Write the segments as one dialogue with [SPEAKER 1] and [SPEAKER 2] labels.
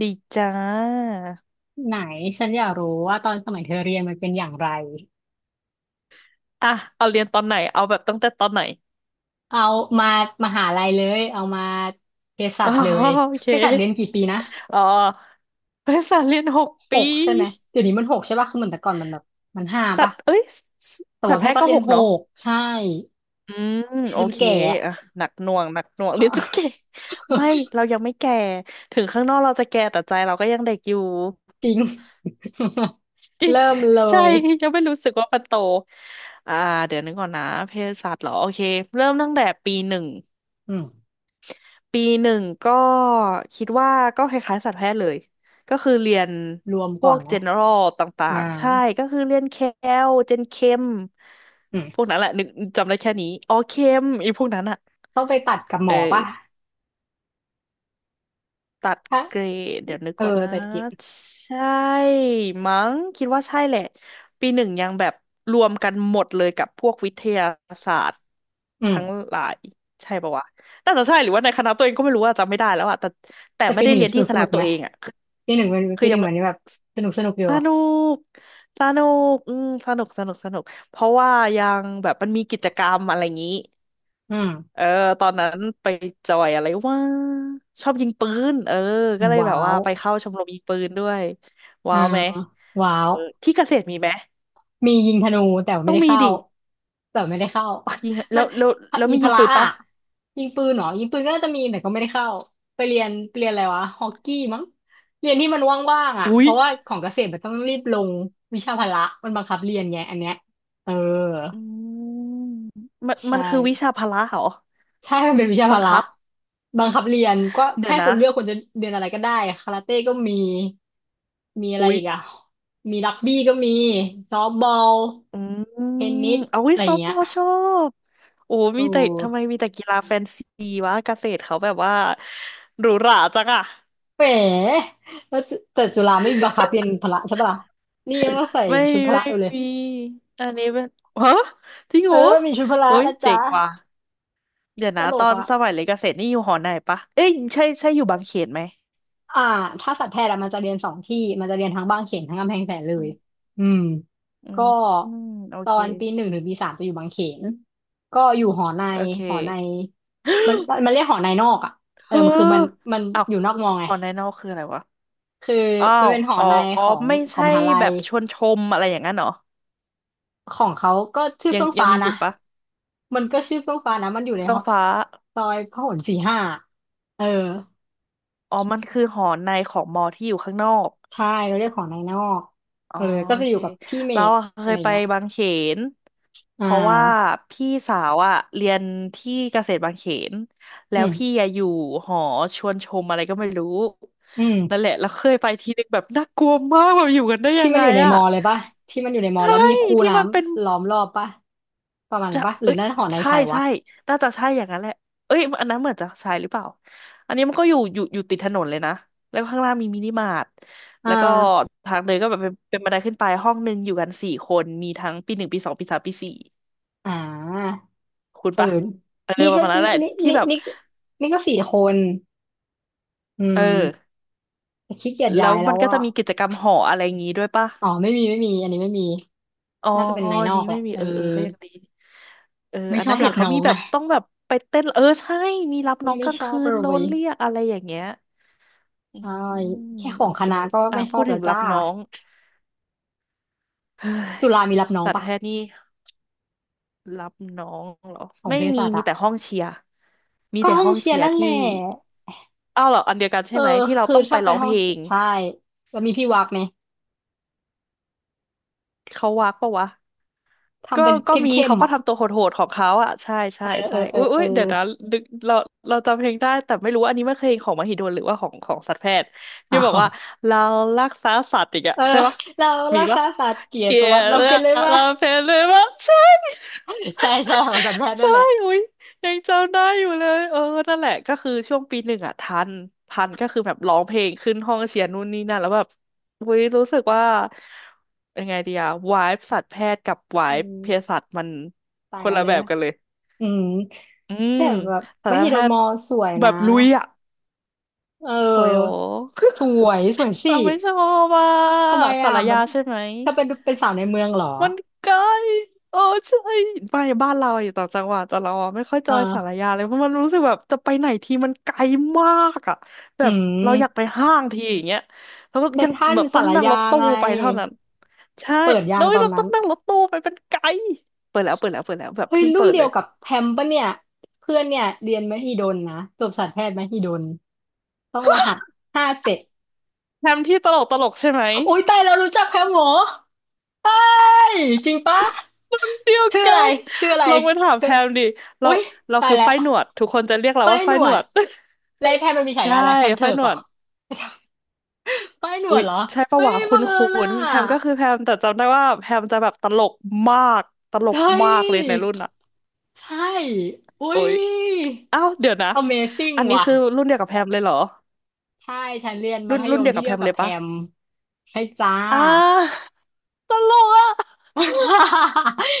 [SPEAKER 1] ดีจ้า
[SPEAKER 2] ไหนฉันอยากรู้ว่าตอนสมัยเธอเรียนมันเป็นอย่างไร
[SPEAKER 1] อ่ะเอาเรียนตอนไหนเอาแบบตั้งแต่ตอนไหน
[SPEAKER 2] เอามามหาลัยเลยเอามาเภสั
[SPEAKER 1] อ๋อ
[SPEAKER 2] ชเลย
[SPEAKER 1] โอเค
[SPEAKER 2] เภสัชเรียนกี่ปีนะ
[SPEAKER 1] อ๋อภาษาเรียนหก
[SPEAKER 2] ห
[SPEAKER 1] ปี
[SPEAKER 2] กใช่ไหมเดี๋ยวนี้มันหกใช่ป่ะคือเหมือนแต่ก่อนมันแบบมันห้า
[SPEAKER 1] สัต
[SPEAKER 2] ป่ะ
[SPEAKER 1] ว์เอ้ยสส
[SPEAKER 2] แต่
[SPEAKER 1] สัต
[SPEAKER 2] ว่า
[SPEAKER 1] ว์
[SPEAKER 2] แพ
[SPEAKER 1] แพ
[SPEAKER 2] ท
[SPEAKER 1] ท
[SPEAKER 2] ย์
[SPEAKER 1] ย์
[SPEAKER 2] ก็
[SPEAKER 1] ก็
[SPEAKER 2] เรีย
[SPEAKER 1] ห
[SPEAKER 2] น
[SPEAKER 1] ก
[SPEAKER 2] ห
[SPEAKER 1] เนาะ
[SPEAKER 2] กใช่
[SPEAKER 1] อืม
[SPEAKER 2] เรียน
[SPEAKER 1] โอ
[SPEAKER 2] จน
[SPEAKER 1] เค
[SPEAKER 2] แก่อะ
[SPEAKER 1] อ่ะหนักหน่วงหนักหน่วงเรียนจนแก่ไม่เรายังไม่แก่ถึงข้างนอกเราจะแก่แต่ใจเราก็ยังเด็กอยู่
[SPEAKER 2] จริง เริ่มเล
[SPEAKER 1] ใช่
[SPEAKER 2] ย
[SPEAKER 1] ยังไม่รู้สึกว่ามันโตอ่าเดี๋ยวนึกก่อนนะเภสัชเหรอโอเคเริ่มตั้งแต่ปีหนึ่ง
[SPEAKER 2] อืม
[SPEAKER 1] ปีหนึ่งก็คิดว่าก็คล้ายๆสัตวแพทย์เลยก็คือเรียน
[SPEAKER 2] รวม
[SPEAKER 1] พ
[SPEAKER 2] ก่อ
[SPEAKER 1] ว
[SPEAKER 2] น
[SPEAKER 1] ก
[SPEAKER 2] ไหม
[SPEAKER 1] general ต่า
[SPEAKER 2] อ่า
[SPEAKER 1] งๆใช่ก็คือเรียนแคลเจนเคม
[SPEAKER 2] อื
[SPEAKER 1] พวก
[SPEAKER 2] ม
[SPEAKER 1] นั้นแหละนึกจำได้แค่นี้อ๋อเคมอีพวกนั้นอะ
[SPEAKER 2] ต้องไปตัดกับหม
[SPEAKER 1] เออ
[SPEAKER 2] อป่ะ
[SPEAKER 1] ตัด
[SPEAKER 2] ถ้า
[SPEAKER 1] เกรดเดี๋ยวนึก
[SPEAKER 2] เออ
[SPEAKER 1] ก่อนนะ
[SPEAKER 2] แต่กิ
[SPEAKER 1] ใช่มั้งคิดว่าใช่แหละปีหนึ่งยังแบบรวมกันหมดเลยกับพวกวิทยาศาสตร์
[SPEAKER 2] อืม
[SPEAKER 1] ทั้งหลายใช่ปะวะน่าจะใช่หรือว่าในคณะตัวเองก็ไม่รู้อะจำไม่ได้แล้วอะแต่แต่
[SPEAKER 2] แต่
[SPEAKER 1] ไม่
[SPEAKER 2] ปีห
[SPEAKER 1] ได้
[SPEAKER 2] นึ่ง
[SPEAKER 1] เรียน
[SPEAKER 2] ส
[SPEAKER 1] ที่
[SPEAKER 2] นุก
[SPEAKER 1] ค
[SPEAKER 2] ส
[SPEAKER 1] ณะ
[SPEAKER 2] นุก
[SPEAKER 1] ตั
[SPEAKER 2] ไหม
[SPEAKER 1] วเองอะคือ
[SPEAKER 2] ปีหนึ่งมัน
[SPEAKER 1] คื
[SPEAKER 2] ปี
[SPEAKER 1] อ
[SPEAKER 2] ห
[SPEAKER 1] ยั
[SPEAKER 2] นึ่
[SPEAKER 1] ง
[SPEAKER 2] ง
[SPEAKER 1] ไม่
[SPEAKER 2] มันแบบสนุกสนุกอยู่
[SPEAKER 1] สนุกสนุกอืมสนุกสนุกสนุกเพราะว่ายังแบบมันมีกิจกรรมอะไรอย่างนี้
[SPEAKER 2] อื
[SPEAKER 1] เอ
[SPEAKER 2] ม
[SPEAKER 1] อตอนนั้นไปจอยอะไรว่าชอบยิงปืนเออก็เลยแบ
[SPEAKER 2] ว้า
[SPEAKER 1] บว่า
[SPEAKER 2] ว
[SPEAKER 1] ไปเข้าชมรมยิงปืนด้วย
[SPEAKER 2] อ่า
[SPEAKER 1] ว้าวไหม
[SPEAKER 2] ว้า
[SPEAKER 1] เอ
[SPEAKER 2] ว
[SPEAKER 1] อที่เกษตรมีไหม
[SPEAKER 2] มียิงธนูแต่ไม่
[SPEAKER 1] ต้อง
[SPEAKER 2] ได้
[SPEAKER 1] มี
[SPEAKER 2] เข้า
[SPEAKER 1] ดิ
[SPEAKER 2] แต่ไม่ได้เข้า
[SPEAKER 1] ยิง
[SPEAKER 2] มั
[SPEAKER 1] แล้
[SPEAKER 2] น
[SPEAKER 1] วแล้วแล้ว
[SPEAKER 2] อี
[SPEAKER 1] มี
[SPEAKER 2] พ
[SPEAKER 1] ยิง
[SPEAKER 2] ละ
[SPEAKER 1] ปืน
[SPEAKER 2] อ่ะ
[SPEAKER 1] ปะ
[SPEAKER 2] ยิงปืนเหรอยิงปืนก็น่าจะมีแต่ก็ไม่ได้เข้า ไปเรียนไปเรียนอะไรวะฮอกกี้มั้งเรียนที่มันว่างๆอ่ะ
[SPEAKER 1] อุ๊
[SPEAKER 2] เพ
[SPEAKER 1] ย
[SPEAKER 2] ราะว่าของเกษตรมันต้องรีบลงวิชาพละมันบังคับเรียนไงอันเนี้ยเออ
[SPEAKER 1] อืมมัน
[SPEAKER 2] ใช่
[SPEAKER 1] คือวิชาพละเหรอ
[SPEAKER 2] ใช่มันเป็นวิชาพ
[SPEAKER 1] บัง
[SPEAKER 2] ละ
[SPEAKER 1] คับ
[SPEAKER 2] บังคับเรียนก็
[SPEAKER 1] เดี๋ย
[SPEAKER 2] ให้
[SPEAKER 1] วนะ
[SPEAKER 2] คุณเลือกคุณจะเรียนอะไรก็ได้คาราเต้ก็มีมีอะไร
[SPEAKER 1] อุ๊ย
[SPEAKER 2] อีกอ่ะมีรักบี้ก็มีซอฟต์บอล
[SPEAKER 1] อืม
[SPEAKER 2] เทนนิส
[SPEAKER 1] เอาวิ
[SPEAKER 2] อะไร
[SPEAKER 1] ซ
[SPEAKER 2] อ
[SPEAKER 1] อ
[SPEAKER 2] ย่าง
[SPEAKER 1] ฟพ
[SPEAKER 2] เงี้ย
[SPEAKER 1] อชอบโอ้
[SPEAKER 2] โอ
[SPEAKER 1] มีแต่ทำไม
[SPEAKER 2] ้
[SPEAKER 1] มีแต่กีฬาแฟนซีวะเกษตรเขาแบบว่าหรูหราจังอะ
[SPEAKER 2] เป๋แล้วจุแต่จุฬาไม่บังคับเรียนพละใช่ปะล่ะนี่ยังต้องใส่
[SPEAKER 1] ไม่
[SPEAKER 2] ชุด
[SPEAKER 1] มี
[SPEAKER 2] พละ
[SPEAKER 1] ไม่
[SPEAKER 2] อยู่เลย
[SPEAKER 1] มีอันนี้เป็นฮะจริงเห
[SPEAKER 2] เอ
[SPEAKER 1] ร
[SPEAKER 2] อ
[SPEAKER 1] อ
[SPEAKER 2] มีชุดพละ
[SPEAKER 1] เอ้ย
[SPEAKER 2] นะ
[SPEAKER 1] เจ๋
[SPEAKER 2] จ๊ะ
[SPEAKER 1] งว่ะเดี๋ยว
[SPEAKER 2] ต
[SPEAKER 1] นะ
[SPEAKER 2] ล
[SPEAKER 1] ตอ
[SPEAKER 2] ก
[SPEAKER 1] น
[SPEAKER 2] อ่ะ
[SPEAKER 1] สมัยเรียนเกษตรนี่อยู่หอไหนปะเอ้ยใช่ใช่อยู่บางเขนไหม
[SPEAKER 2] อ่าถ้าสัตวแพทย์อะมันจะเรียนสองที่มันจะเรียนทั้งบางเขนทั้งกำแพงแสนเล
[SPEAKER 1] อื
[SPEAKER 2] ย
[SPEAKER 1] ม
[SPEAKER 2] อืม
[SPEAKER 1] อื
[SPEAKER 2] ก็
[SPEAKER 1] มอืมโอ
[SPEAKER 2] ตอ
[SPEAKER 1] เค
[SPEAKER 2] นปีหนึ่งถึงปีสามจะอยู่บางเขนก็อยู่หอใน
[SPEAKER 1] โอเค
[SPEAKER 2] หอในมันมันเรียกหอในนอกอ่ะเออ
[SPEAKER 1] เฮ้อ
[SPEAKER 2] มันคือมันมัน
[SPEAKER 1] อ้าว
[SPEAKER 2] อยู่นอกมอไง
[SPEAKER 1] หอในนอกคืออะไรวะ
[SPEAKER 2] คือ
[SPEAKER 1] อ้า
[SPEAKER 2] มัน
[SPEAKER 1] ว
[SPEAKER 2] เป็นหอ
[SPEAKER 1] อ๋อ
[SPEAKER 2] ในของ
[SPEAKER 1] ไม่
[SPEAKER 2] ของ
[SPEAKER 1] ใช่
[SPEAKER 2] มหาลั
[SPEAKER 1] แบ
[SPEAKER 2] ย
[SPEAKER 1] บชวนชมอะไรอย่างนั้นเหรอ
[SPEAKER 2] ของเขาก็ชื่อ
[SPEAKER 1] ยัง
[SPEAKER 2] เฟื่อง
[SPEAKER 1] ยัง
[SPEAKER 2] ฟ้า
[SPEAKER 1] มีอ
[SPEAKER 2] นะ
[SPEAKER 1] ยู่ปะ
[SPEAKER 2] มันก็ชื่อเฟื่องฟ้านะมันอยู่ใน
[SPEAKER 1] เฟื่
[SPEAKER 2] ห
[SPEAKER 1] อง
[SPEAKER 2] อ
[SPEAKER 1] ฟ้า
[SPEAKER 2] ซอยพหล45เออ
[SPEAKER 1] อ๋อมันคือหอในของมอที่อยู่ข้างนอก
[SPEAKER 2] ใช่เราเรียกหอในนอก
[SPEAKER 1] อ๋อ
[SPEAKER 2] เออก็
[SPEAKER 1] โอ
[SPEAKER 2] จะอ
[SPEAKER 1] เค
[SPEAKER 2] ยู่กับพี่เม
[SPEAKER 1] เรา
[SPEAKER 2] ธ
[SPEAKER 1] อะ
[SPEAKER 2] อะ
[SPEAKER 1] เค
[SPEAKER 2] ไร
[SPEAKER 1] ยไป
[SPEAKER 2] เงี้ย
[SPEAKER 1] บางเขน
[SPEAKER 2] อ่
[SPEAKER 1] เพราะว่า
[SPEAKER 2] า
[SPEAKER 1] พี่สาวอะเรียนที่เกษตรบางเขนแล้
[SPEAKER 2] อื
[SPEAKER 1] ว
[SPEAKER 2] ม
[SPEAKER 1] พี่อะอยู่หอชวนชมอะไรก็ไม่รู้
[SPEAKER 2] อืม
[SPEAKER 1] นั่นแหละแล้วเคยไปทีนึงแบบน่ากลัวมากแบบอยู่กันได้ยั
[SPEAKER 2] ที่
[SPEAKER 1] ง
[SPEAKER 2] มัน
[SPEAKER 1] ไง
[SPEAKER 2] อยู่ใน
[SPEAKER 1] อะ
[SPEAKER 2] มอเลยป่ะที่มันอยู่ในมอ
[SPEAKER 1] ใช่
[SPEAKER 2] แล้วมีคู
[SPEAKER 1] ที่
[SPEAKER 2] น้
[SPEAKER 1] มันเป็น
[SPEAKER 2] ำล้อมรอบป่ะประมาณ
[SPEAKER 1] จะ
[SPEAKER 2] นั้นป่ะหรื
[SPEAKER 1] เอ้
[SPEAKER 2] อ
[SPEAKER 1] ย
[SPEAKER 2] นั่นหอในาย
[SPEAKER 1] ใช่
[SPEAKER 2] ชายวะ
[SPEAKER 1] ใช่น่าจะใช่อย่างนั้นแหละเอ้ยอันนั้นเหมือนจะใช่หรือเปล่าอันนี้มันก็อยู่ติดถนนเลยนะแล้วข้างล่างมีมินิมาร์ท
[SPEAKER 2] อ่
[SPEAKER 1] แล้วก็
[SPEAKER 2] า
[SPEAKER 1] ทางเดินก็แบบเป็นบันไดขึ้นไปห้องหนึ่งอยู่กันสี่คนมีทั้งปีหนึ่งปีสองปีสามปีสี่
[SPEAKER 2] อ่า
[SPEAKER 1] คุณ
[SPEAKER 2] เออ
[SPEAKER 1] ปะเออ
[SPEAKER 2] นี่
[SPEAKER 1] ประ
[SPEAKER 2] ก็
[SPEAKER 1] มาณนั้น
[SPEAKER 2] นี่
[SPEAKER 1] แหละ
[SPEAKER 2] นี่
[SPEAKER 1] ที่
[SPEAKER 2] นี่
[SPEAKER 1] แบบ
[SPEAKER 2] นี่ก็สี่คนอื
[SPEAKER 1] เอ
[SPEAKER 2] ม
[SPEAKER 1] อ
[SPEAKER 2] แต่ขี้เกียจ
[SPEAKER 1] แล้
[SPEAKER 2] ย้า
[SPEAKER 1] ว
[SPEAKER 2] ยแล้
[SPEAKER 1] มัน
[SPEAKER 2] ว
[SPEAKER 1] ก็จะ
[SPEAKER 2] อ่ะ
[SPEAKER 1] มีกิจกรรมหออะไรอย่างงี้ด้วยปะ
[SPEAKER 2] อ๋อไม่มีไม่มีอันนี้ไม่มี
[SPEAKER 1] อ๋อ
[SPEAKER 2] น่าจะเป็นนาย
[SPEAKER 1] อั
[SPEAKER 2] น
[SPEAKER 1] น
[SPEAKER 2] อ
[SPEAKER 1] นี้
[SPEAKER 2] กแห
[SPEAKER 1] ไม่
[SPEAKER 2] ละ
[SPEAKER 1] มี
[SPEAKER 2] เออ
[SPEAKER 1] เออเออก็ยังดีเออ
[SPEAKER 2] ไม่
[SPEAKER 1] อัน
[SPEAKER 2] ชอ
[SPEAKER 1] นั้
[SPEAKER 2] บ
[SPEAKER 1] น
[SPEAKER 2] รั
[SPEAKER 1] เห็น
[SPEAKER 2] บ
[SPEAKER 1] เขา
[SPEAKER 2] น้อ
[SPEAKER 1] มี
[SPEAKER 2] ง
[SPEAKER 1] แบ
[SPEAKER 2] ไง
[SPEAKER 1] บต้องแบบไปเต้นเออใช่มีรับน้อ
[SPEAKER 2] นี่
[SPEAKER 1] งก
[SPEAKER 2] ไม่
[SPEAKER 1] ลาง
[SPEAKER 2] ชอ
[SPEAKER 1] คื
[SPEAKER 2] บ
[SPEAKER 1] น
[SPEAKER 2] เล
[SPEAKER 1] โด
[SPEAKER 2] ย
[SPEAKER 1] นเรียกอะไรอย่างเงี้ย อื
[SPEAKER 2] ใช่แค่
[SPEAKER 1] ม
[SPEAKER 2] ขอ
[SPEAKER 1] โอ
[SPEAKER 2] งค
[SPEAKER 1] เค
[SPEAKER 2] ณะก็
[SPEAKER 1] อ่ะ
[SPEAKER 2] ไม่ชอ
[SPEAKER 1] พู
[SPEAKER 2] บ
[SPEAKER 1] ดถึ
[SPEAKER 2] แล้ว
[SPEAKER 1] งรั
[SPEAKER 2] จ้า
[SPEAKER 1] บน้อง เฮ้ย
[SPEAKER 2] จุฬามีรับน้อง
[SPEAKER 1] สัตว
[SPEAKER 2] ปะ
[SPEAKER 1] แพทย์นี่รับน้องเหรอ
[SPEAKER 2] ของ
[SPEAKER 1] ไม่
[SPEAKER 2] เภ
[SPEAKER 1] มี
[SPEAKER 2] สัช
[SPEAKER 1] มี
[SPEAKER 2] อะ
[SPEAKER 1] แต่ห้องเชียร์มี
[SPEAKER 2] ก็
[SPEAKER 1] แต่
[SPEAKER 2] ห้อ
[SPEAKER 1] ห้
[SPEAKER 2] ง
[SPEAKER 1] อง
[SPEAKER 2] เชีย
[SPEAKER 1] เชี
[SPEAKER 2] ร์
[SPEAKER 1] ยร์
[SPEAKER 2] นั่นแห
[SPEAKER 1] ที่
[SPEAKER 2] ละ
[SPEAKER 1] อ้าวเหรออันเดียวกัน
[SPEAKER 2] เอ
[SPEAKER 1] ใช่
[SPEAKER 2] อ
[SPEAKER 1] ไหมที่เรา
[SPEAKER 2] คือ
[SPEAKER 1] ต้องไป
[SPEAKER 2] ถ้าเป็
[SPEAKER 1] ร้อ
[SPEAKER 2] น
[SPEAKER 1] ง
[SPEAKER 2] ห้
[SPEAKER 1] เพ
[SPEAKER 2] อง
[SPEAKER 1] ลง
[SPEAKER 2] ใช่แล้วมีพี่วักไหม
[SPEAKER 1] เขาวักปะวะก็
[SPEAKER 2] ทำเป็น
[SPEAKER 1] ก็มี
[SPEAKER 2] เข้ม
[SPEAKER 1] เขา
[SPEAKER 2] ๆ
[SPEAKER 1] ก็
[SPEAKER 2] อ่ะ
[SPEAKER 1] ทำตัวโหดๆของเขาอ่ะใช่
[SPEAKER 2] เอ
[SPEAKER 1] ใช่
[SPEAKER 2] อเอ
[SPEAKER 1] ใช่
[SPEAKER 2] อเออ
[SPEAKER 1] อุ้ยอุ้
[SPEAKER 2] เออ
[SPEAKER 1] ยเดี๋ยวนะดึกเราเราจำเพลงได้แต่ไม่รู้ว่าอันนี้ไม่เคยของมหิดลหรือว่าของของสัตวแพทย์ที่
[SPEAKER 2] อ้า
[SPEAKER 1] บอก
[SPEAKER 2] ว
[SPEAKER 1] ว่าเรารักษาสัตว์อีกอะ
[SPEAKER 2] เออ
[SPEAKER 1] ใช่ปะ
[SPEAKER 2] เรา
[SPEAKER 1] มี
[SPEAKER 2] รัก
[SPEAKER 1] ปะ
[SPEAKER 2] ษาศาสตร์เกียร
[SPEAKER 1] เก
[SPEAKER 2] ติ
[SPEAKER 1] ลี
[SPEAKER 2] ป
[SPEAKER 1] ย
[SPEAKER 2] ระวัติ
[SPEAKER 1] ด
[SPEAKER 2] เรา
[SPEAKER 1] เลย
[SPEAKER 2] เขียน
[SPEAKER 1] อะ
[SPEAKER 2] เลยว่า
[SPEAKER 1] เราเพ็นเลยว่าใช่
[SPEAKER 2] ใช่ใช่ของสัตวแพ ทย์นั่
[SPEAKER 1] ใช่
[SPEAKER 2] นแหละ
[SPEAKER 1] อุ้ยยังจำได้อยู่เลยเออนั่นแหละก็คือช่วงปีหนึ่งอ่ะทันทันก็คือแบบร้องเพลงขึ้นห้องเชียร์นู่นนี่นั่นแล้วแบบอุ้ยรู้สึกว่ายังไงดีอะวายสัตวแพทย์กับวา
[SPEAKER 2] อื
[SPEAKER 1] ยเภ
[SPEAKER 2] ม
[SPEAKER 1] สัชมัน
[SPEAKER 2] ต่า
[SPEAKER 1] ค
[SPEAKER 2] ง
[SPEAKER 1] น
[SPEAKER 2] กัน
[SPEAKER 1] ละ
[SPEAKER 2] เลย
[SPEAKER 1] แบบ
[SPEAKER 2] อะ
[SPEAKER 1] กันเลย
[SPEAKER 2] อืม
[SPEAKER 1] อืม
[SPEAKER 2] แต่แบบ
[SPEAKER 1] สั
[SPEAKER 2] ม
[SPEAKER 1] ตว
[SPEAKER 2] หิด
[SPEAKER 1] แพ
[SPEAKER 2] ล
[SPEAKER 1] ท
[SPEAKER 2] ม
[SPEAKER 1] ย์
[SPEAKER 2] อสวย
[SPEAKER 1] แบ
[SPEAKER 2] นะ
[SPEAKER 1] บลุยอ่ะ
[SPEAKER 2] เ
[SPEAKER 1] สวยโห
[SPEAKER 2] ออสวยสวย สิ
[SPEAKER 1] เราไม่ชอบอ่ะ
[SPEAKER 2] ทำไม
[SPEAKER 1] สา
[SPEAKER 2] อ่ะ
[SPEAKER 1] ร
[SPEAKER 2] มั
[SPEAKER 1] ยา
[SPEAKER 2] น
[SPEAKER 1] ใช่ไหม
[SPEAKER 2] ถ้าเป็นเป็นสาวในเมืองเหรอ
[SPEAKER 1] มันไกลเออใช่ไปบ้านเราอยู่ต่างจังหวัดแต่เราอะไม่ค่อยจ
[SPEAKER 2] เอ่า
[SPEAKER 1] อยสารยาเลยเพราะมันรู้สึกแบบจะไปไหนทีมันไกลมากอ่ะแบ
[SPEAKER 2] อื
[SPEAKER 1] บเราอยาก
[SPEAKER 2] ม
[SPEAKER 1] ไปห้างทีอย่างเงี้ยแล้วก็
[SPEAKER 2] เซ็
[SPEAKER 1] ยั
[SPEAKER 2] น
[SPEAKER 1] ง
[SPEAKER 2] ทรัล
[SPEAKER 1] แบบต้
[SPEAKER 2] ศา
[SPEAKER 1] อง
[SPEAKER 2] ลา
[SPEAKER 1] นั่งร
[SPEAKER 2] ยา
[SPEAKER 1] ถตู้
[SPEAKER 2] ไง
[SPEAKER 1] ไปเท่านั้นใช่
[SPEAKER 2] เปิดยา
[SPEAKER 1] แล้
[SPEAKER 2] ง
[SPEAKER 1] ว
[SPEAKER 2] ตอน
[SPEAKER 1] เราต้
[SPEAKER 2] นั้
[SPEAKER 1] อ
[SPEAKER 2] น
[SPEAKER 1] งนั่งรถตู้ไปเป็นไกลเปิดแล้วแบบ
[SPEAKER 2] เฮ้ย
[SPEAKER 1] เพิ่ง
[SPEAKER 2] รุ่
[SPEAKER 1] เปิ
[SPEAKER 2] น
[SPEAKER 1] ด
[SPEAKER 2] เดี
[SPEAKER 1] เล
[SPEAKER 2] ยว
[SPEAKER 1] ย
[SPEAKER 2] กับแพมปะเนี่ยเพื่อนเนี่ยเรียนมหิดลนะจบสัตวแพทย์มหิดลต้องรหัส57
[SPEAKER 1] แพมที่ตลกตลกใช่ไหม
[SPEAKER 2] โอ้ยตายแล้วรู้จักแพมเหมอเฮ้ยจริงปะ
[SPEAKER 1] เดียว
[SPEAKER 2] ชื่อ
[SPEAKER 1] กั
[SPEAKER 2] อะไร
[SPEAKER 1] น
[SPEAKER 2] ชื่ออะไร
[SPEAKER 1] ลองไปถาม
[SPEAKER 2] เธ
[SPEAKER 1] แพ
[SPEAKER 2] อ
[SPEAKER 1] มดิเรา
[SPEAKER 2] อุ้ยตาย
[SPEAKER 1] คือ
[SPEAKER 2] แล้ว
[SPEAKER 1] ไฟหนวดทุกคนจะเรียกเรา
[SPEAKER 2] ป้าย
[SPEAKER 1] ว่าไฟ
[SPEAKER 2] หน
[SPEAKER 1] หน
[SPEAKER 2] ว
[SPEAKER 1] ว
[SPEAKER 2] ด
[SPEAKER 1] ด
[SPEAKER 2] แล้วไอ้แพมมันมี ฉา
[SPEAKER 1] ใช่
[SPEAKER 2] ยาอะไรแพมเถ
[SPEAKER 1] ไฟ
[SPEAKER 2] อก
[SPEAKER 1] หน
[SPEAKER 2] เหร
[SPEAKER 1] ว
[SPEAKER 2] อ
[SPEAKER 1] ด
[SPEAKER 2] ป้ายหนว
[SPEAKER 1] อุ๊
[SPEAKER 2] ด
[SPEAKER 1] ย
[SPEAKER 2] เหรอ
[SPEAKER 1] ใช่ปะ
[SPEAKER 2] เฮ้ย
[SPEAKER 1] วะคุ
[SPEAKER 2] บังเอิญล่
[SPEAKER 1] ้นๆแพมก็คื
[SPEAKER 2] ะ
[SPEAKER 1] อแพมแต่จำได้ว่าแพมจะแบบตลกมากตลก
[SPEAKER 2] เฮ้ย
[SPEAKER 1] มากเลยในรุ่นอ่ะ
[SPEAKER 2] ใช่อุ้
[SPEAKER 1] โอ๊
[SPEAKER 2] ย
[SPEAKER 1] ยอ้าวเดี๋ยวนะ
[SPEAKER 2] Amazing
[SPEAKER 1] อันนี้
[SPEAKER 2] ว่ะ
[SPEAKER 1] คือรุ่นเดียวกับแพมเลยเหรอ
[SPEAKER 2] ใช่ฉันเรียนมั
[SPEAKER 1] รุ่
[SPEAKER 2] ธ
[SPEAKER 1] น
[SPEAKER 2] ย
[SPEAKER 1] รุ่น
[SPEAKER 2] ม
[SPEAKER 1] เดียว
[SPEAKER 2] ที่
[SPEAKER 1] กับ
[SPEAKER 2] เดี
[SPEAKER 1] แพ
[SPEAKER 2] ยว
[SPEAKER 1] ม
[SPEAKER 2] กับ
[SPEAKER 1] เลย
[SPEAKER 2] แพ
[SPEAKER 1] ปะ
[SPEAKER 2] มใช่จ้า
[SPEAKER 1] อ่าตลกอ่ะ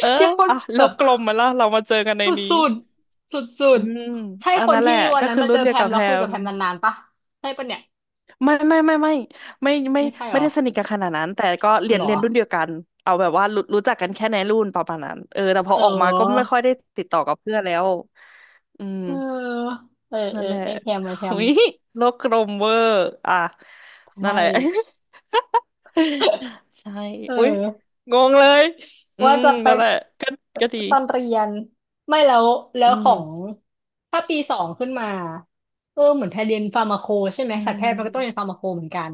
[SPEAKER 1] เออ
[SPEAKER 2] เชี่ยคน
[SPEAKER 1] อ่ะโล
[SPEAKER 2] แบบ
[SPEAKER 1] กกลมมาแล้วเรามาเจอกันใน
[SPEAKER 2] ส
[SPEAKER 1] นี้
[SPEAKER 2] ุดๆสุ
[SPEAKER 1] อื
[SPEAKER 2] ด
[SPEAKER 1] ม
[SPEAKER 2] ๆใช่
[SPEAKER 1] อัน
[SPEAKER 2] คน
[SPEAKER 1] นั้นแห
[SPEAKER 2] ที่
[SPEAKER 1] ละ
[SPEAKER 2] วัน
[SPEAKER 1] ก็
[SPEAKER 2] นั้น
[SPEAKER 1] คือ
[SPEAKER 2] มา
[SPEAKER 1] รุ่
[SPEAKER 2] เจ
[SPEAKER 1] น
[SPEAKER 2] อ
[SPEAKER 1] เดี
[SPEAKER 2] แพ
[SPEAKER 1] ยวกั
[SPEAKER 2] ม
[SPEAKER 1] บ
[SPEAKER 2] แล้
[SPEAKER 1] แพ
[SPEAKER 2] วคุยกับ
[SPEAKER 1] ม
[SPEAKER 2] แพมนานๆปะใช่ปะเนี่ย
[SPEAKER 1] ไม่ไม่ไม่ไม่ไม่ไม่ไม่
[SPEAKER 2] ไม่ใช่ห
[SPEAKER 1] ไม่
[SPEAKER 2] รอ
[SPEAKER 1] ได้สนิทกันขนาดนั้นแต่ก็
[SPEAKER 2] อ๋อ
[SPEAKER 1] เรีย
[SPEAKER 2] เห
[SPEAKER 1] น
[SPEAKER 2] รอ
[SPEAKER 1] เรียนรุ่นเดียวกันเอาแบบว่ารู้จักกันแค่ในรุ่นประมาณนั้นเออแต่พอ
[SPEAKER 2] เ
[SPEAKER 1] ออกมาก็ไม่
[SPEAKER 2] ออ
[SPEAKER 1] ค่อยได้ติดต่อกับเพื่อนแล้วอืม
[SPEAKER 2] เออเออเอ
[SPEAKER 1] นั่
[SPEAKER 2] อ
[SPEAKER 1] นแหละ
[SPEAKER 2] ไอแพมไอแพ
[SPEAKER 1] หุ
[SPEAKER 2] ม
[SPEAKER 1] ยโลกกลมเวอร์อ่ะนั่
[SPEAKER 2] ใช่
[SPEAKER 1] นแหละ ใช่
[SPEAKER 2] เอ
[SPEAKER 1] อุ้ย
[SPEAKER 2] อ
[SPEAKER 1] งงเลยอื
[SPEAKER 2] ว่า
[SPEAKER 1] ม
[SPEAKER 2] จะไป
[SPEAKER 1] นั่นแหละก็ก็ดี
[SPEAKER 2] ตอนเรียนไม่แล้วแล้
[SPEAKER 1] อื
[SPEAKER 2] วขอ
[SPEAKER 1] ม
[SPEAKER 2] งถ้าปีสองขึ้นมาเออเหมือนแทนเรียนฟาร์มาโคใช่ไหม
[SPEAKER 1] อื
[SPEAKER 2] สัตวแพทย์มันก็ต้องเรียน
[SPEAKER 1] ม
[SPEAKER 2] ฟาร์มาโคเหมือนกัน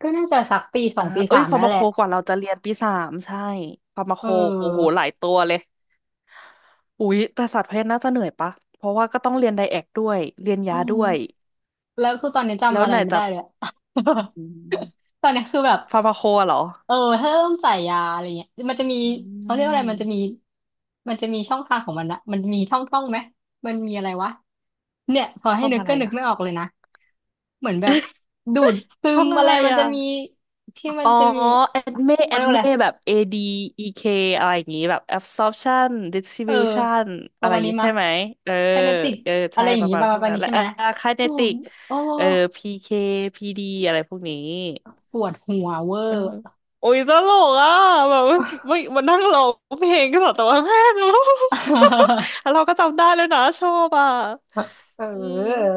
[SPEAKER 2] ก็น่าจะสักปีสอ
[SPEAKER 1] อ่า
[SPEAKER 2] งปี
[SPEAKER 1] เอ้
[SPEAKER 2] สา
[SPEAKER 1] ย
[SPEAKER 2] ม
[SPEAKER 1] ฟา
[SPEAKER 2] นั่
[SPEAKER 1] ร์
[SPEAKER 2] น
[SPEAKER 1] มา
[SPEAKER 2] แห
[SPEAKER 1] โค
[SPEAKER 2] ละ
[SPEAKER 1] กว่าเราจะเรียนปีสามใช่ฟาร์มาโค
[SPEAKER 2] เอ
[SPEAKER 1] โอ้โหห
[SPEAKER 2] อ
[SPEAKER 1] ลายตัวเลย อุ๊ยแต่สัตว์แพทย์น่าจะเหนื่อยปะเพราะว่าก็ต้องเรียนไดแอกด้วยเรียน
[SPEAKER 2] อื
[SPEAKER 1] ยา
[SPEAKER 2] ม
[SPEAKER 1] ด้วย
[SPEAKER 2] แล้วคือตอนนี้จำ
[SPEAKER 1] แล้ว
[SPEAKER 2] อะไร
[SPEAKER 1] ไหน
[SPEAKER 2] ไม่
[SPEAKER 1] จะ
[SPEAKER 2] ได้เลยอะ
[SPEAKER 1] อืม
[SPEAKER 2] ตอนนี้คือแบบ
[SPEAKER 1] ฟาร์มาโคอะเหรอ
[SPEAKER 2] เออถ้าต้องใส่ยาอะไรเงี้ยมันจะมี
[SPEAKER 1] อื
[SPEAKER 2] เขาเรียกว่าอะไรมันจะมี
[SPEAKER 1] ม
[SPEAKER 2] มันจะมีช่องทางของมันนะมันมีท่องท่องไหมมันมีอะไรวะเนี่ยพอให้
[SPEAKER 1] ท่อง
[SPEAKER 2] นึก
[SPEAKER 1] อะไร
[SPEAKER 2] ก็นึก
[SPEAKER 1] อ่ะ
[SPEAKER 2] ไม่ออกเลยนะ เหมือนแบบดูดซึ
[SPEAKER 1] ท่
[SPEAKER 2] ม
[SPEAKER 1] องอะ
[SPEAKER 2] อะไร
[SPEAKER 1] ไร
[SPEAKER 2] มัน
[SPEAKER 1] อ่ะ
[SPEAKER 2] จะมีที่มัน
[SPEAKER 1] อ๋อ
[SPEAKER 2] จะมี
[SPEAKER 1] adme adme
[SPEAKER 2] เขา
[SPEAKER 1] แอ
[SPEAKER 2] เรี
[SPEAKER 1] ด
[SPEAKER 2] ยกว่า
[SPEAKER 1] เม
[SPEAKER 2] อะไร
[SPEAKER 1] แอดอีเมแบบ ADEK อะไรอย่างงี้แบบ absorption
[SPEAKER 2] เออ
[SPEAKER 1] distribution
[SPEAKER 2] ป
[SPEAKER 1] อะ
[SPEAKER 2] ระ
[SPEAKER 1] ไรอ
[SPEAKER 2] มาณ
[SPEAKER 1] ย่าง
[SPEAKER 2] นี้
[SPEAKER 1] งี้
[SPEAKER 2] มา
[SPEAKER 1] ใช่ไหมเออ
[SPEAKER 2] ไคเนติก
[SPEAKER 1] เออ
[SPEAKER 2] อะ
[SPEAKER 1] ใช่
[SPEAKER 2] ไรอย่า
[SPEAKER 1] ป
[SPEAKER 2] ง
[SPEAKER 1] ระ
[SPEAKER 2] งี้
[SPEAKER 1] มา
[SPEAKER 2] ป
[SPEAKER 1] ณ
[SPEAKER 2] ระ
[SPEAKER 1] พวก
[SPEAKER 2] มาณ
[SPEAKER 1] นั้น
[SPEAKER 2] นี้
[SPEAKER 1] และ
[SPEAKER 2] ใช่
[SPEAKER 1] เอ
[SPEAKER 2] ไห
[SPEAKER 1] อ
[SPEAKER 2] มโอ้
[SPEAKER 1] kinetic
[SPEAKER 2] โอ้
[SPEAKER 1] เออ PKPD อะไรพวกนี้
[SPEAKER 2] ปวดหัวเวอ
[SPEAKER 1] เออ
[SPEAKER 2] ร์
[SPEAKER 1] โอ้ยตลกอ่ะแบบว่าไม่มันนั่งร้องเพลงก็แบบแต่ว่าแม่เนอ แล้วเรา ก็จำได้เลยนะชอบอ่ะ
[SPEAKER 2] เ
[SPEAKER 1] อืม
[SPEAKER 2] ออ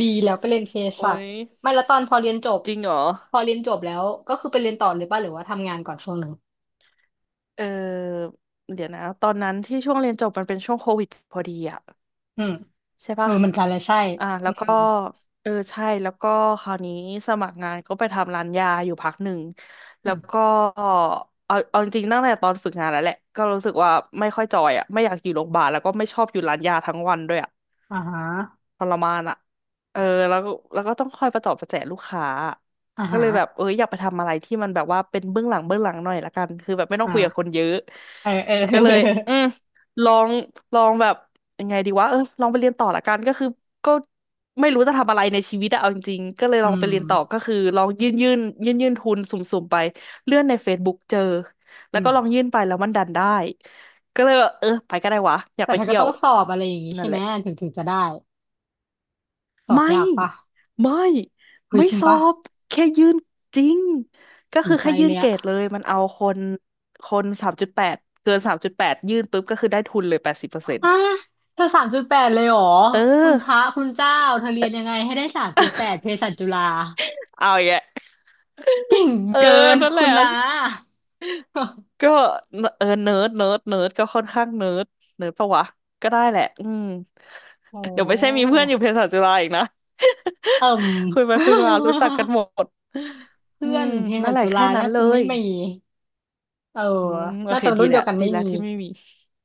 [SPEAKER 2] ดีแล้วไปเรียนเภ
[SPEAKER 1] โอ้
[SPEAKER 2] สัช
[SPEAKER 1] ย
[SPEAKER 2] ไม่แล้วตอนพอเรียนจบ
[SPEAKER 1] จริงเหรอ
[SPEAKER 2] พอเรียนจบแล้วก็คือไปเรียนต่อเลยป่ะหรือว่าทำงานก่อนช่วงหนึ่ง
[SPEAKER 1] เออเดี๋ยวนะตอนนั้นที่ช่วงเรียนจบมันเป็นช่วงโควิดพอดีอ่ะ
[SPEAKER 2] อืม
[SPEAKER 1] ใช่
[SPEAKER 2] เออ
[SPEAKER 1] ปะ
[SPEAKER 2] เหมันกันแลยใช่
[SPEAKER 1] อ่าแล้
[SPEAKER 2] อื
[SPEAKER 1] วก็
[SPEAKER 2] ม
[SPEAKER 1] เออใช่แล้วก็คราวนี้สมัครงานก็ไปทำร้านยาอยู่พักหนึ่ง
[SPEAKER 2] อื
[SPEAKER 1] แล้ว
[SPEAKER 2] ม
[SPEAKER 1] ก็เอาจริงๆตั้งแต่ตอนฝึกงานแล้วแหละก็รู้สึกว่าไม่ค่อยจอยอ่ะไม่อยากอยู่โรงพยาบาลแล้วก็ไม่ชอบอยู่ร้านยาทั้งวันด้วยอ่ะ
[SPEAKER 2] อ่าฮะ
[SPEAKER 1] ทรมานอ่ะเออแล้วก็แล้วก็ต้องคอยประตอบประแจลูกค้าอะ
[SPEAKER 2] อ่า
[SPEAKER 1] ก็
[SPEAKER 2] ฮะ
[SPEAKER 1] เลยแบบเอออยากไปทำอะไรที่มันแบบว่าเป็นเบื้องหลังเบื้องหลังหน่อยละกันคือแบบไม่ต้องคุยกับค
[SPEAKER 2] อ่า
[SPEAKER 1] นเยอะ
[SPEAKER 2] เออเออ
[SPEAKER 1] ก็เลยอืมลองแบบยังไงดีวะเออลองไปเรียนต่อละกัน ก็คือก็ไม่รู้จะทำอะไรในชีวิตอะเอาจริงๆก็เลยล
[SPEAKER 2] อื
[SPEAKER 1] องไป
[SPEAKER 2] ม
[SPEAKER 1] เรียนต่อก็คือลองยื่นทุนสุ่มๆไป เลื่อนใน Facebook เจอ แล้
[SPEAKER 2] อื
[SPEAKER 1] ว
[SPEAKER 2] ม
[SPEAKER 1] ก็ลองยื่นไป แล้วมันดันได้ก็เลยแบบเออไปก็ได้วะอยาก
[SPEAKER 2] แต่
[SPEAKER 1] ไป
[SPEAKER 2] เธอก็
[SPEAKER 1] เที่ย
[SPEAKER 2] ต้
[SPEAKER 1] ว
[SPEAKER 2] องสอบอะไรอย่างงี้
[SPEAKER 1] นั่
[SPEAKER 2] ใช่
[SPEAKER 1] นแห
[SPEAKER 2] ไหม
[SPEAKER 1] ละ
[SPEAKER 2] ถึงถึงจะได้ สอบ
[SPEAKER 1] ไม่
[SPEAKER 2] ยากปะ
[SPEAKER 1] ไม่
[SPEAKER 2] เฮ้ย
[SPEAKER 1] ไม่
[SPEAKER 2] จริง
[SPEAKER 1] สอ
[SPEAKER 2] ปะ
[SPEAKER 1] บแค่ยื่นจริงก็
[SPEAKER 2] สน
[SPEAKER 1] คือ
[SPEAKER 2] ใจ
[SPEAKER 1] แค่ยื่
[SPEAKER 2] เล
[SPEAKER 1] น
[SPEAKER 2] ย
[SPEAKER 1] เก
[SPEAKER 2] อะ
[SPEAKER 1] รดเลยมันเอาคนสามจุดแปดเกินสามจุดแปดยื่นปุ๊บก็คือได้ทุนเลย80%
[SPEAKER 2] อ่ะเธอ3.8เลยเหรอ
[SPEAKER 1] เอ
[SPEAKER 2] คุณพระ
[SPEAKER 1] อ
[SPEAKER 2] คุณเจ้าเธอเรียนยังไงให้ได้สามจุดแปดเภสัชจุฬา
[SPEAKER 1] เอาอย่างเงี้ย
[SPEAKER 2] เก่ง
[SPEAKER 1] เออ
[SPEAKER 2] เกิน
[SPEAKER 1] นั่นแห
[SPEAKER 2] คุ
[SPEAKER 1] ละ
[SPEAKER 2] ณนะ
[SPEAKER 1] ก็เออเนิร์ดเนิร์ดเนิร์ดก็ค่อนข้างเนิร์ดเนิร์ดปะวะก็ได้แหละอืม
[SPEAKER 2] โอ้
[SPEAKER 1] เดี๋ยวไม่ใช่มีเพื่อนอยู่เภสัชจุฬาอีกนะ
[SPEAKER 2] เอิ่ม
[SPEAKER 1] คุยไปคุยมารู้จักกัน หมดอื
[SPEAKER 2] เพื่อ
[SPEAKER 1] ม
[SPEAKER 2] นเภ
[SPEAKER 1] นั่
[SPEAKER 2] สั
[SPEAKER 1] น
[SPEAKER 2] ช
[SPEAKER 1] แหละ
[SPEAKER 2] จุ
[SPEAKER 1] แค่
[SPEAKER 2] ฬา
[SPEAKER 1] นั้น
[SPEAKER 2] น่า
[SPEAKER 1] เล
[SPEAKER 2] จะไม่
[SPEAKER 1] ย
[SPEAKER 2] มีเอ
[SPEAKER 1] อื
[SPEAKER 2] อ
[SPEAKER 1] มโอ
[SPEAKER 2] น่า
[SPEAKER 1] เค
[SPEAKER 2] จะ
[SPEAKER 1] ดี
[SPEAKER 2] รุ่นเดี
[SPEAKER 1] แล้
[SPEAKER 2] ย
[SPEAKER 1] ว
[SPEAKER 2] วกัน
[SPEAKER 1] ดี
[SPEAKER 2] ไม่
[SPEAKER 1] แล้ว
[SPEAKER 2] มี
[SPEAKER 1] ที่ไม่มี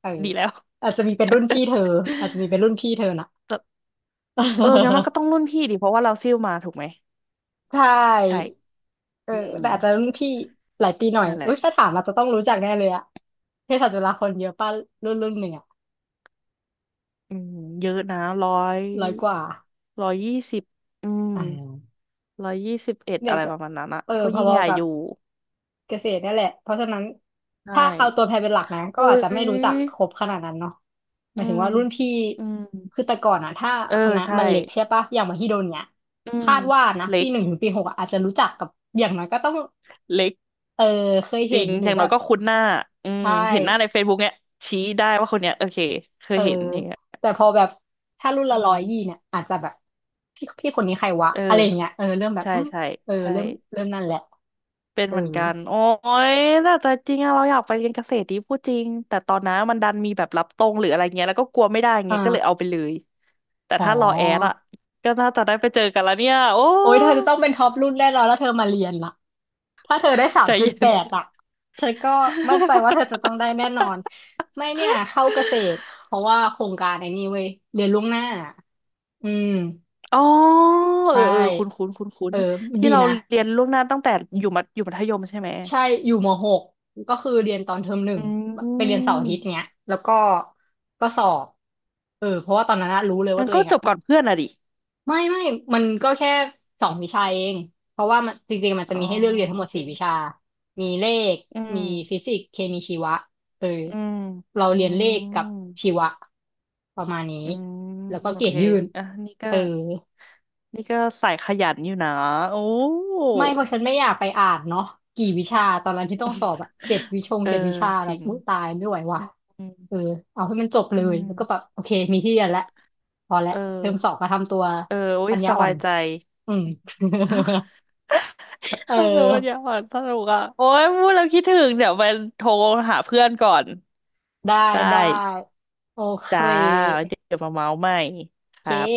[SPEAKER 2] เออ
[SPEAKER 1] ดีแล้ว
[SPEAKER 2] อาจจะมีเป็นรุ่นพี่เธออาจจะมี เป็นรุ่นพี่เธอน่ะ
[SPEAKER 1] แต่เอองั้นมันก็ต้ องรุ่นพี่ดิเพราะว่าเราซิ่วมาถูกไหม
[SPEAKER 2] ใช
[SPEAKER 1] ใช่
[SPEAKER 2] ่เออ
[SPEAKER 1] อืม
[SPEAKER 2] แต่อาจจะรุ่นพี่หลายปีหน่อย
[SPEAKER 1] นั่นแห
[SPEAKER 2] อุ้
[SPEAKER 1] ละ
[SPEAKER 2] ยถ้าถามอาจจะต้องรู้จักแน่เลยอะเภสัชจุฬาคนเยอะป่ะรุ่นหนึ่งอะ
[SPEAKER 1] อืมเยอะนะย
[SPEAKER 2] 100 กว่า
[SPEAKER 1] ร้อยยี่สิบอืม
[SPEAKER 2] อ่า
[SPEAKER 1] 121
[SPEAKER 2] เด็
[SPEAKER 1] อะ
[SPEAKER 2] ก
[SPEAKER 1] ไรประมาณนั้นอะ
[SPEAKER 2] เออ
[SPEAKER 1] ก็
[SPEAKER 2] พ
[SPEAKER 1] ยิ่ง
[SPEAKER 2] อ
[SPEAKER 1] ใหญ่
[SPEAKER 2] ๆกั
[SPEAKER 1] อ
[SPEAKER 2] บ
[SPEAKER 1] ยู่
[SPEAKER 2] เกษตรนั่นแหละ เพราะฉะนั้น
[SPEAKER 1] ใช่
[SPEAKER 2] ถ้าเอาตัวแพรเป็นหลักนะก็
[SPEAKER 1] โอ้
[SPEAKER 2] อาจจะไม่รู้จัก
[SPEAKER 1] ย
[SPEAKER 2] ครบขนาดนั้นเนาะห
[SPEAKER 1] อื
[SPEAKER 2] มายถึง
[SPEAKER 1] ม
[SPEAKER 2] ว่ารุ่นพี่
[SPEAKER 1] อืม
[SPEAKER 2] คือแต่ก่อนอะถ้า
[SPEAKER 1] เออ
[SPEAKER 2] คณะ
[SPEAKER 1] ใช่
[SPEAKER 2] มันเล็กใช่ปะอย่างมหิดลเนี่ย
[SPEAKER 1] อืม
[SPEAKER 2] คาดว่านะ
[SPEAKER 1] เล็
[SPEAKER 2] ปี
[SPEAKER 1] ก
[SPEAKER 2] หนึ่งถึงปีหกอะอาจจะรู้จักกับอย่างน้อยก็ต้อง
[SPEAKER 1] เล็ก
[SPEAKER 2] เออเคย
[SPEAKER 1] จ
[SPEAKER 2] เห็
[SPEAKER 1] ริ
[SPEAKER 2] น
[SPEAKER 1] ง
[SPEAKER 2] หรื
[SPEAKER 1] อ
[SPEAKER 2] อ
[SPEAKER 1] ย่าง
[SPEAKER 2] แบ
[SPEAKER 1] น้อย
[SPEAKER 2] บ
[SPEAKER 1] ก็คุ้นหน้าอืม
[SPEAKER 2] ใช่
[SPEAKER 1] เห็นหน้าใน Facebook เนี้ยชี้ได้ว่าคนเนี้ยโอเคเค
[SPEAKER 2] เอ
[SPEAKER 1] ย
[SPEAKER 2] อ
[SPEAKER 1] เห็นอย่างเงี้ย
[SPEAKER 2] แต่พอแบบถ้ารุ่นละ
[SPEAKER 1] อื
[SPEAKER 2] ร้อ
[SPEAKER 1] ม
[SPEAKER 2] ยยี่เนี่ยอาจจะแบบพี่คนนี้ใครวะ
[SPEAKER 1] เออ
[SPEAKER 2] อะไรอย่างเงี้ยเออเริ่มแบบ
[SPEAKER 1] ใช่
[SPEAKER 2] อืม
[SPEAKER 1] ใช่
[SPEAKER 2] เออ
[SPEAKER 1] ใช่
[SPEAKER 2] เริ่มนั่นแหละ
[SPEAKER 1] เป็น
[SPEAKER 2] เออ
[SPEAKER 1] เหมือนกันโอ้ยน่าจะจริงอะเราอยากไปเรียนเกษตรดีพูดจริงแต่ตอนนั้นมันดันมีแบบรับตรงหรืออะไรเงี้ยแล้วก็กลัวไม่ได้
[SPEAKER 2] อ่า
[SPEAKER 1] เงี้ยก็เลยเอาไปเลยแต่
[SPEAKER 2] อ๋อ
[SPEAKER 1] ถ้ารอแอดอะก็น่าจะได้ไปเจอกันแล้วเนี่ยโอ้
[SPEAKER 2] โอ้ยเธอจะต้องเป็นท็อปรุ่นแน่นอนแล้วเธอมาเรียนล่ะถ้าเธอได้สา
[SPEAKER 1] ใจ
[SPEAKER 2] มจุด
[SPEAKER 1] เย็
[SPEAKER 2] แป
[SPEAKER 1] น
[SPEAKER 2] ดอ่ะฉันก็มั่นใจว่าเธอจะต้องได้แน่นอนไม่เนี่ยเข้าเกษตรเพราะว่าโครงการไอ้นี่เว้ยเรียนล่วงหน้าอืม
[SPEAKER 1] อ๋อ
[SPEAKER 2] ใช
[SPEAKER 1] เออเออคุ้น
[SPEAKER 2] ่
[SPEAKER 1] คุ้นคุ้นคุ้
[SPEAKER 2] เอ
[SPEAKER 1] น
[SPEAKER 2] อ
[SPEAKER 1] ๆที่
[SPEAKER 2] ดี
[SPEAKER 1] เรา
[SPEAKER 2] นะ
[SPEAKER 1] เรียนล่วงหน้าตั้งแต่อยู่มัธยมใช่ไหม
[SPEAKER 2] ใช่อยู่มหกก็คือเรียนตอนเทอม 1
[SPEAKER 1] อื
[SPEAKER 2] ไปเรียนเสาร์อาทิตย์
[SPEAKER 1] ม
[SPEAKER 2] เนี้ย แล้วก็สอบเออเพราะว่าตอนนั้นอะรู้เลยว่า
[SPEAKER 1] งั้น
[SPEAKER 2] ตัว
[SPEAKER 1] ก็
[SPEAKER 2] เอง
[SPEAKER 1] จ
[SPEAKER 2] อะ
[SPEAKER 1] บก่อนเพื่อนอะดิ
[SPEAKER 2] ไม่ไม่มันก็แค่2 วิชาเอง เพราะว่ามันจริงๆมันจะ
[SPEAKER 1] อ๋อ
[SPEAKER 2] มีให้เลือกเรียนทั้
[SPEAKER 1] โอ
[SPEAKER 2] งหมด
[SPEAKER 1] เค
[SPEAKER 2] 4 วิชา มีเลข
[SPEAKER 1] อื
[SPEAKER 2] มี
[SPEAKER 1] ม
[SPEAKER 2] ฟิสิกส์เคมีชีวะ เออ
[SPEAKER 1] อืม
[SPEAKER 2] เรา
[SPEAKER 1] อื
[SPEAKER 2] เรียนเลขกับ
[SPEAKER 1] ม
[SPEAKER 2] ชีวะประมาณนี้
[SPEAKER 1] อืม
[SPEAKER 2] แล้วก็
[SPEAKER 1] โอ
[SPEAKER 2] เกร
[SPEAKER 1] เค
[SPEAKER 2] ดยื่น
[SPEAKER 1] อ่ะ นี่ก็
[SPEAKER 2] เออ
[SPEAKER 1] นี่ก็สายขยันอยู่นะ โอ้
[SPEAKER 2] ไม่เพราะฉันไม่อยากไปอ่านเนาะกี่วิชาตอนนั้นที่ต้องสอบอะเจ็ดวิชง
[SPEAKER 1] เออ
[SPEAKER 2] เจ็ดวิชา
[SPEAKER 1] จ
[SPEAKER 2] แบบ
[SPEAKER 1] ริง
[SPEAKER 2] อุยตายไม่ไหวว่ะ
[SPEAKER 1] อืม อืม
[SPEAKER 2] เออเอาให้มันจบเล
[SPEAKER 1] อื
[SPEAKER 2] ยแล้วก็แบบ
[SPEAKER 1] ม
[SPEAKER 2] โอเคมีที่เรียนแล้วพอแล้
[SPEAKER 1] เ
[SPEAKER 2] วเทอมสอ
[SPEAKER 1] ออ
[SPEAKER 2] งมาทำตัว
[SPEAKER 1] เออโอ้
[SPEAKER 2] ปั
[SPEAKER 1] ย
[SPEAKER 2] ญญา
[SPEAKER 1] ส
[SPEAKER 2] อ่อ
[SPEAKER 1] บา
[SPEAKER 2] น
[SPEAKER 1] ยใจ
[SPEAKER 2] อืม เออ
[SPEAKER 1] ถ้าเกิดมันอยากอ่านสนุกอ่ะโอ้ยพูดแล้วคิดถึงเดี๋ยวไปโทรหาเพื่อนก่อน
[SPEAKER 2] ได้
[SPEAKER 1] ได้
[SPEAKER 2] ได้โอเค
[SPEAKER 1] จ้า เดี๋ยวมาเมาส์ใหม่ค
[SPEAKER 2] โอเค
[SPEAKER 1] รับ